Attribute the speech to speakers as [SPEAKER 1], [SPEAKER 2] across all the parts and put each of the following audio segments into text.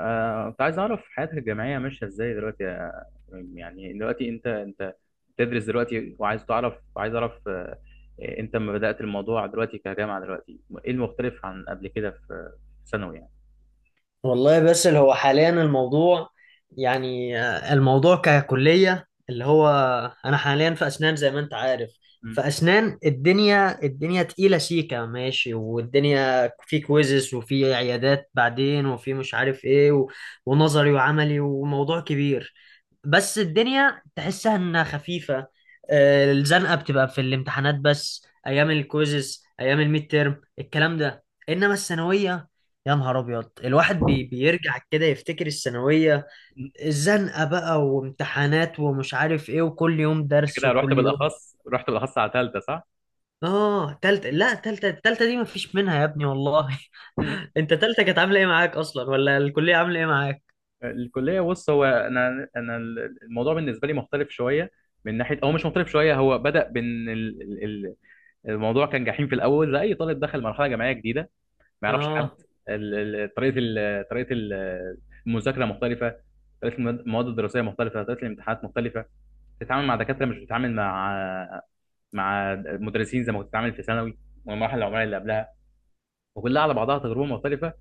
[SPEAKER 1] كنت عايز أعرف حياتك الجامعية ماشية إزاي دلوقتي يا إبراهيم؟ يعني دلوقتي أنت بتدرس دلوقتي وعايز تعرف عايز أعرف أنت لما بدأت الموضوع دلوقتي كجامعة دلوقتي إيه المختلف عن قبل كده في ثانوي يعني؟
[SPEAKER 2] والله بس اللي هو حاليا الموضوع يعني الموضوع ككلية اللي هو أنا حاليا في أسنان زي ما أنت عارف.
[SPEAKER 1] مم.
[SPEAKER 2] في أسنان الدنيا الدنيا تقيلة سيكة ماشي، والدنيا في كويزز وفي عيادات بعدين وفي مش عارف إيه ونظري وعملي وموضوع كبير، بس الدنيا تحسها انها خفيفة. الزنقة بتبقى في الامتحانات بس، ايام الكويزز ايام الميد تيرم الكلام ده. انما الثانوية، يا نهار ابيض! الواحد بيرجع كده يفتكر الثانوية، الزنقة بقى وامتحانات ومش عارف ايه، وكل يوم
[SPEAKER 1] أنت
[SPEAKER 2] درس
[SPEAKER 1] كده رحت
[SPEAKER 2] وكل يوم.
[SPEAKER 1] بالأخص رحت بالأخص على تالتة صح؟
[SPEAKER 2] اه، تالتة. لا تالتة التالتة دي مفيش منها يا ابني والله.
[SPEAKER 1] مم.
[SPEAKER 2] انت تالتة كانت عاملة ايه معاك اصلا، ولا الكلية عاملة ايه معاك؟
[SPEAKER 1] الكلية بص هو أنا الموضوع بالنسبة لي مختلف شوية، من ناحية هو مش مختلف شوية. هو بدأ بإن الموضوع كان جحيم في الأول زي أي طالب دخل مرحلة جامعية جديدة ما يعرفش حد.
[SPEAKER 2] اه.
[SPEAKER 1] ال- ال- طريقه ال- طريقه ال- المذاكره مختلفه، طريقه المواد الدراسيه مختلفه، طريقه الامتحانات مختلفه، تتعامل مع دكاتره مش بتتعامل مع مدرسين زي ما كنت بتتعامل في ثانوي والمراحل العمريه اللي قبلها، وكلها على بعضها تجربه مختلفه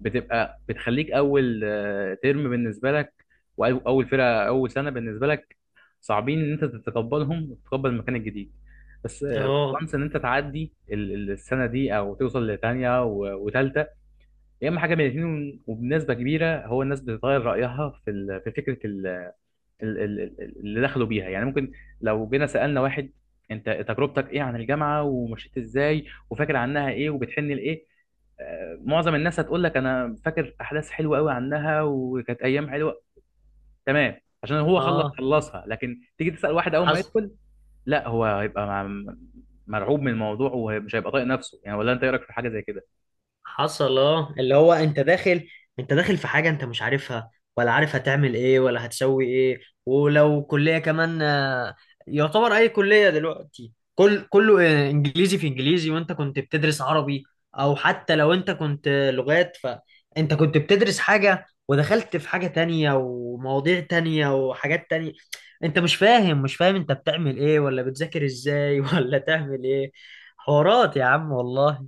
[SPEAKER 1] بتبقى بتخليك اول ترم بالنسبه لك، واول فرقه اول سنه بالنسبه لك صعبين ان انت تتقبلهم وتتقبل المكان الجديد بس
[SPEAKER 2] اه.
[SPEAKER 1] وانس ان انت تعدي السنه دي او توصل لثانيه وثالثه، يا اما حاجه من الاثنين. وبنسبه كبيره هو الناس بتغير رايها في في فكره اللي دخلوا بيها. يعني ممكن لو جينا سالنا واحد انت تجربتك ايه عن الجامعه ومشيت ازاي وفاكر عنها ايه وبتحن لايه، معظم الناس هتقول لك انا فاكر احداث حلوه قوي عنها وكانت ايام حلوه تمام، عشان هو خلص
[SPEAKER 2] اه،
[SPEAKER 1] خلصها. لكن تيجي تسال واحد اول ما
[SPEAKER 2] حصل.
[SPEAKER 1] يدخل، لا هو هيبقى مرعوب من الموضوع ومش هيبقى طايق نفسه يعني. ولا انت ايه رايك في حاجه زي كده؟
[SPEAKER 2] حصل اه، اللي هو انت داخل، انت داخل في حاجة انت مش عارفها، ولا عارف هتعمل ايه ولا هتسوي ايه. ولو كلية كمان، يعتبر اي كلية دلوقتي كل كله انجليزي في انجليزي، وانت كنت بتدرس عربي. او حتى لو انت كنت لغات، فانت كنت بتدرس حاجة ودخلت في حاجة تانية ومواضيع تانية وحاجات تانية. انت مش فاهم مش فاهم انت بتعمل ايه، ولا بتذاكر ازاي ولا تعمل ايه. حوارات يا عم والله.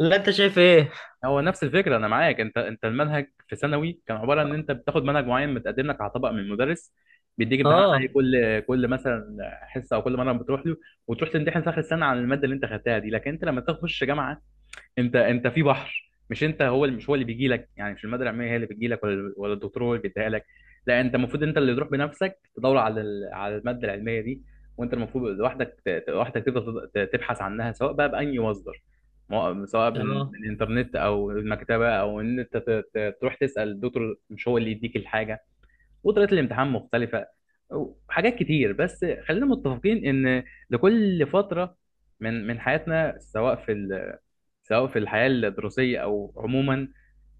[SPEAKER 2] لا انت شايف ايه؟
[SPEAKER 1] هو نفس الفكره، انا معاك. انت المنهج في ثانوي كان عباره ان انت بتاخد منهج معين متقدم لك على طبق من المدرس، بيديك امتحان عليه
[SPEAKER 2] اه.
[SPEAKER 1] كل مثلا حصه او كل مره بتروح له، وتروح تمتحن في اخر السنه عن الماده اللي انت خدتها دي. لكن انت لما تخش جامعه انت في بحر، مش انت هو اللي مش هو اللي بيجي لك، يعني مش الماده العلميه هي اللي بتجي لك ولا الدكتور هو اللي بيديها لك. لا، انت المفروض انت اللي تروح بنفسك تدور على على الماده العلميه دي، وانت المفروض لوحدك لوحدك تفضل تبحث عنها، سواء بقى بأي مصدر، سواء من
[SPEAKER 2] اه.
[SPEAKER 1] من الانترنت او المكتبه، او ان انت تروح تسأل الدكتور. مش هو اللي يديك الحاجه. وطريقه الامتحان مختلفه وحاجات كتير. بس خلينا متفقين ان لكل فتره من حياتنا، سواء في سواء في الحياه الدراسيه او عموما،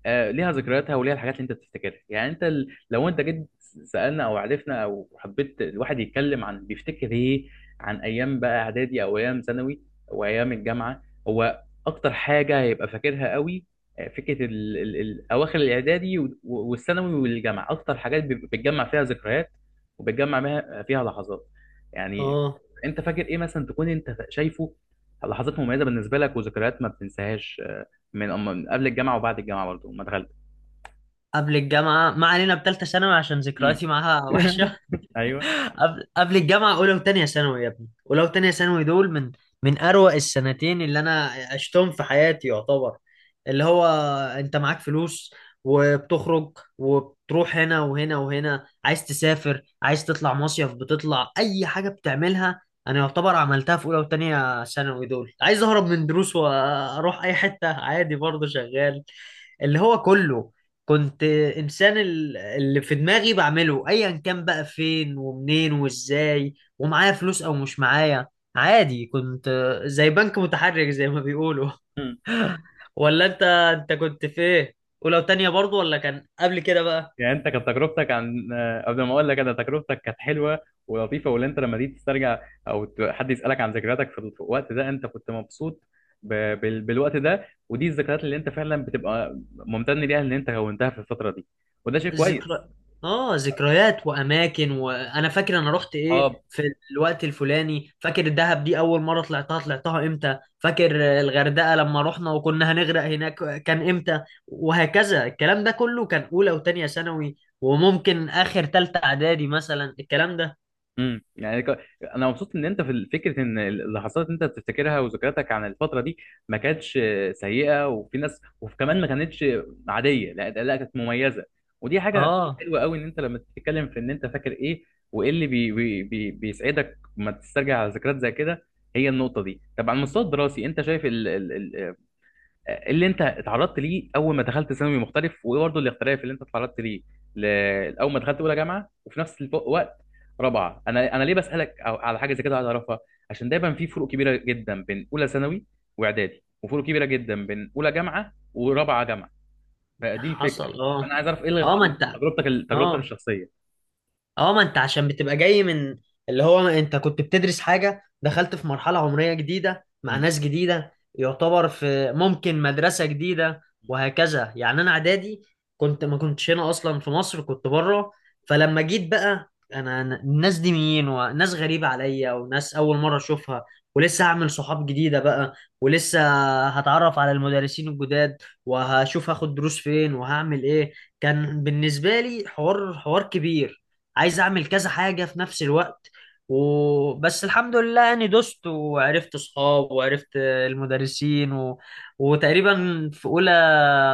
[SPEAKER 1] ليها ذكرياتها وليها الحاجات اللي انت بتفتكرها. يعني انت لو انت جيت سألنا او عرفنا او حبيت الواحد يتكلم عن بيفتكر ايه عن ايام بقى اعدادي او ايام ثانوي او ايام الجامعه، هو اكتر حاجه هيبقى فاكرها قوي فكره ال ال ال اواخر الاعدادي والثانوي والجامعه. اكتر حاجات بتجمع فيها ذكريات وبتجمع فيها لحظات يعني.
[SPEAKER 2] اه.
[SPEAKER 1] انت فاكر ايه مثلا تكون انت شايفه لحظات مميزه بالنسبه لك وذكريات ما بتنساهاش من من قبل الجامعه، وبعد الجامعه برضه ما دخلت؟
[SPEAKER 2] قبل الجامعة ما علينا، بتالتة ثانوي عشان
[SPEAKER 1] امم.
[SPEAKER 2] ذكرياتي معاها وحشة.
[SPEAKER 1] ايوه.
[SPEAKER 2] قبل الجامعة، أولى وتانية ثانوي يا ابني، أولى وتانية ثانوي دول من أروع السنتين اللي أنا عشتهم في حياتي يعتبر. اللي هو أنت معاك فلوس، وبتخرج وبتروح هنا وهنا وهنا، عايز تسافر، عايز تطلع مصيف، بتطلع أي حاجة بتعملها. أنا يعتبر عملتها في أولى وتانية ثانوي دول، عايز أهرب من دروس وأروح أي حتة، عادي، برضه شغال. اللي هو كله، كنت انسان اللي في دماغي بعمله ايا كان، بقى فين ومنين وازاي، ومعايا فلوس او مش معايا، عادي. كنت زي بنك متحرك زي ما بيقولوا.
[SPEAKER 1] امم،
[SPEAKER 2] ولا انت كنت في ايه؟ ولو تانية برضو، ولا كان قبل كده بقى؟
[SPEAKER 1] يعني انت كانت تجربتك عن آه، قبل ما اقول لك انا تجربتك كانت حلوه ولطيفه واللي انت لما تيجي تسترجع او ت- حد يسالك عن ذكرياتك في ال- في الوقت ده انت كنت مبسوط ب... بال... بالوقت ده ودي الذكريات اللي انت فعلا بتبقى ممتن ليها اللي انت كونتها في الفتره دي وده شيء
[SPEAKER 2] ذكرى.
[SPEAKER 1] كويس
[SPEAKER 2] اه، ذكريات واماكن. وانا فاكر انا رحت ايه
[SPEAKER 1] اه
[SPEAKER 2] في الوقت الفلاني، فاكر الدهب دي اول مره طلعتها طلعتها امتى، فاكر الغردقه لما رحنا وكنا هنغرق هناك كان امتى، وهكذا. الكلام ده كله كان اولى وتانية ثانوي، وممكن اخر تالتة اعدادي مثلا الكلام ده.
[SPEAKER 1] يعني انا مبسوط ان انت في فكره ان اللي حصلت انت بتفتكرها وذكرياتك عن الفتره دي ما كانتش سيئه. وفي ناس وكمان ما كانتش عاديه، لا كانت مميزه. ودي حاجه
[SPEAKER 2] اه،
[SPEAKER 1] حلوه قوي ان انت لما تتكلم في ان انت فاكر ايه وايه اللي بي بي بي بيسعدك لما تسترجع على ذكريات زي كده. هي النقطه دي. طب على المستوى الدراسي انت شايف اللي انت اتعرضت ليه اول ما دخلت ثانوي مختلف؟ وايه برضه الاختلاف اللي انت اتعرضت ليه اول ما دخلت اولى جامعه وفي نفس الوقت رابعه؟ انا ليه بسالك على حاجه زي كده عايز اعرفها، عشان دايما في فروق كبيره جدا بين اولى ثانوي واعدادي، وفروق كبيره جدا بين اولى جامعه ورابعه جامعه. فدي الفكره.
[SPEAKER 2] حصل. اه.
[SPEAKER 1] انا عايز اعرف ايه
[SPEAKER 2] اه، ما انت.
[SPEAKER 1] تجربتك تجربتك
[SPEAKER 2] اه.
[SPEAKER 1] الشخصيه.
[SPEAKER 2] اه، ما انت عشان بتبقى جاي من، اللي هو ما انت كنت بتدرس حاجة، دخلت في مرحلة عمرية جديدة مع
[SPEAKER 1] م-
[SPEAKER 2] ناس جديدة، يعتبر في ممكن مدرسة جديدة، وهكذا. يعني انا اعدادي كنت ما كنتش هنا اصلا في مصر، كنت بره. فلما جيت بقى، الناس دي مين؟ وناس غريبة عليا، وناس اول مرة اشوفها، ولسه هعمل صحاب جديدة بقى، ولسه هتعرف على المدرسين الجداد، وهشوف هاخد دروس فين وهعمل ايه. كان بالنسبة لي حوار حوار كبير، عايز اعمل كذا حاجه في نفس الوقت. وبس الحمد لله يعني، دوست وعرفت صحاب وعرفت المدرسين. وتقريبا في اولى،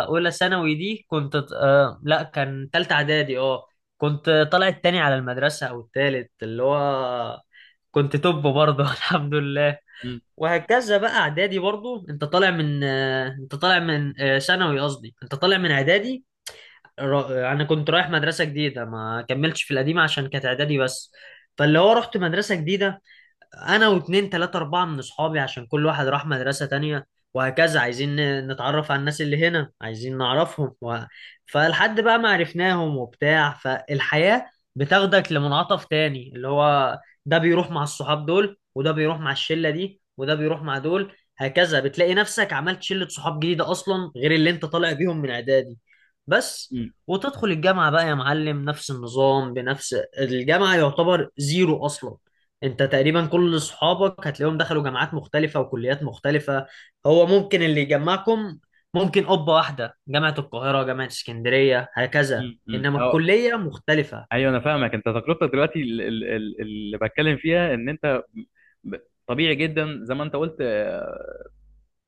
[SPEAKER 2] ثانوي دي كنت لا، كان تالتة اعدادي اه، كنت طالع التاني على المدرسه او التالت، اللي هو كنت توب برضه. الحمد لله.
[SPEAKER 1] م-
[SPEAKER 2] وهكذا بقى اعدادي برضه، انت طالع من انت طالع من ثانوي، قصدي انت طالع من اعدادي. انا كنت رايح مدرسه جديده، ما كملتش في القديمه عشان كانت اعدادي بس. فاللي هو رحت مدرسه جديده، انا واتنين تلاتة اربعة من اصحابي، عشان كل واحد راح مدرسة تانية. وهكذا عايزين نتعرف على الناس اللي هنا، عايزين نعرفهم. فلحد بقى ما عرفناهم وبتاع، فالحياة بتاخدك لمنعطف تاني، اللي هو ده بيروح مع الصحاب دول، وده بيروح مع الشلة دي، وده بيروح مع دول، هكذا. بتلاقي نفسك عملت شلة صحاب جديدة اصلا، غير اللي انت طالع بيهم من اعدادي، بس.
[SPEAKER 1] م-
[SPEAKER 2] وتدخل الجامعة بقى يا معلم، نفس النظام بنفس. الجامعة يعتبر زيرو اصلا، انت تقريبا كل اصحابك هتلاقيهم دخلوا جامعات مختلفة وكليات مختلفة. هو ممكن اللي يجمعكم، ممكن قبة واحدة، جامعة القاهرة، جامعة اسكندرية،
[SPEAKER 1] م-
[SPEAKER 2] هكذا،
[SPEAKER 1] م- م.
[SPEAKER 2] انما
[SPEAKER 1] أو
[SPEAKER 2] الكلية مختلفة.
[SPEAKER 1] ايوه، انا فاهمك. انت تجربتك دلوقتي اللي بتكلم فيها ان انت ب- طبيعي جدا زي ما انت قلت.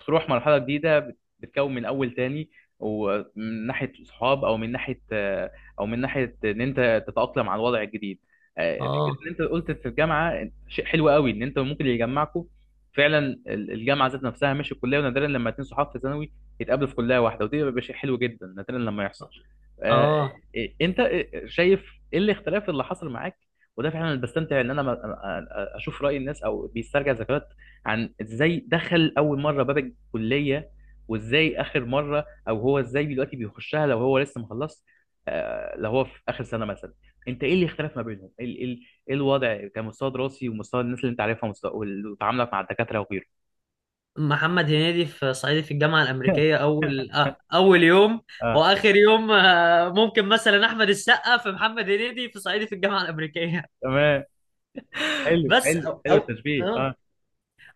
[SPEAKER 1] بتروح مرحلة جديدة، بتكون من أول تاني ومن ناحية صحاب أو من ناحية أو من ناحية إن أنت تتأقلم على الوضع الجديد. فكرة
[SPEAKER 2] اه.
[SPEAKER 1] إن أنت قلت في الجامعة شيء حلو قوي، إن أنت ممكن اللي يجمعكم فعلا الجامعة ذات نفسها مش الكلية. ونادرا لما اتنين صحاب في ثانوي يتقابلوا في كلية واحدة، ودي بيبقى شيء حلو جدا نادرا لما يحصل. آه،
[SPEAKER 2] اه.
[SPEAKER 1] أنت شايف إيه الاختلاف اللي حصل معاك؟ وده فعلا اللي بستمتع ان انا اشوف راي الناس او بيسترجع ذكريات عن ازاي دخل اول مره باب كلية، وازاي اخر مرة او هو ازاي دلوقتي بيخشها لو هو لسه مخلص، لو هو في اخر سنة مثلا. انت ايه اللي اختلف ما بينهم؟ ايه إيه- إيه الوضع كمستوى دراسي ومستوى الناس اللي انت عارفها ومستوى وتعاملك مع الدكاترة وغيره؟
[SPEAKER 2] محمد هنيدي في صعيدي في الجامعة الأمريكية، أول يوم.
[SPEAKER 1] اه،
[SPEAKER 2] وآخر يوم، ممكن مثلا أحمد السقا في محمد هنيدي في صعيدي في الجامعة الأمريكية.
[SPEAKER 1] تمام. حلو
[SPEAKER 2] بس.
[SPEAKER 1] حلو
[SPEAKER 2] أو
[SPEAKER 1] حلو
[SPEAKER 2] أو
[SPEAKER 1] التشبيه،
[SPEAKER 2] آه.
[SPEAKER 1] اه.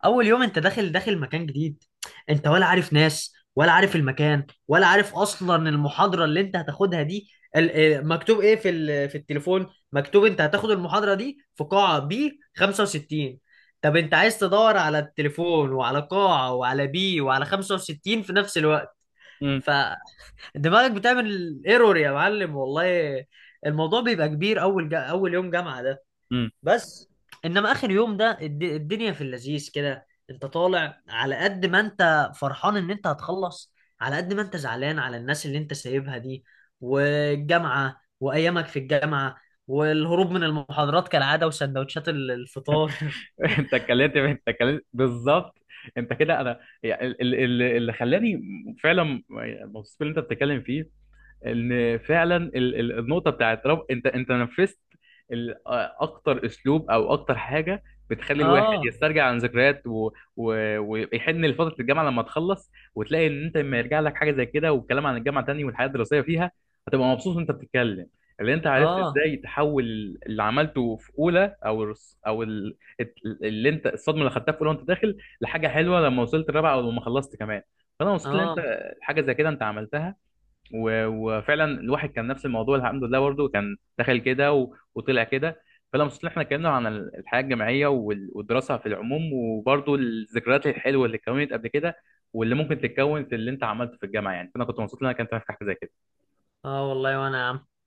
[SPEAKER 2] اول يوم انت داخل، داخل مكان جديد، انت ولا عارف ناس، ولا عارف المكان، ولا عارف اصلا المحاضره اللي انت هتاخدها دي. ال- مكتوب ايه في في التليفون؟ مكتوب انت هتاخد المحاضره دي في قاعه بي 65. طب انت عايز تدور على التليفون، وعلى قاعه، وعلى بي، وعلى 65 في نفس الوقت.
[SPEAKER 1] امم.
[SPEAKER 2] فدماغك بتعمل ايرور يا معلم والله. الموضوع بيبقى كبير اول اول يوم جامعه،
[SPEAKER 1] امم.
[SPEAKER 2] بس. انما اخر يوم ده، الدنيا في اللذيذ كده، انت طالع على قد ما انت فرحان ان انت هتخلص، على قد ما انت زعلان على الناس اللي انت سايبها دي، والجامعة، وايامك في الجامعة، والهروب من المحاضرات كالعادة، وسندوتشات الفطار.
[SPEAKER 1] انت اتكلمت بالظبط. انت كده انا يعني اللي خلاني فعلا الموضوع اللي انت بتتكلم فيه، ان فعلا النقطه بتاعت رب انت نفذت ال- اكتر اسلوب او اكتر حاجه بتخلي الواحد
[SPEAKER 2] اه.
[SPEAKER 1] يسترجع عن ذكريات، و... و... ويحن لفتره الجامعه لما تخلص وتلاقي ان انت لما يرجع لك حاجه زي كده والكلام عن الجامعه تاني والحياه الدراسيه فيها هتبقى مبسوط وانت بتتكلم. اللي انت عرفت
[SPEAKER 2] اه.
[SPEAKER 1] ازاي تحول اللي عملته في اولى او اللي انت الصدمه اللي خدتها في اولى وانت داخل لحاجه حلوه لما وصلت الرابعه او لما خلصت كمان. فانا مبسوط ان انت
[SPEAKER 2] اه.
[SPEAKER 1] حاجه زي كده انت عملتها، وفعلا الواحد كان نفس الموضوع، الحمد لله برضه كان دخل كده وطلع كده. فلما مبسوط إن احنا اتكلمنا عن الحياه الجامعيه والدراسه في العموم، وبرضه الذكريات الحلوه اللي اتكونت قبل كده واللي ممكن تتكون في اللي انت عملته في الجامعه يعني. فانا كنت مبسوط ان انا كنت في حاجه زي كده.
[SPEAKER 2] اه، والله وانا يا عم.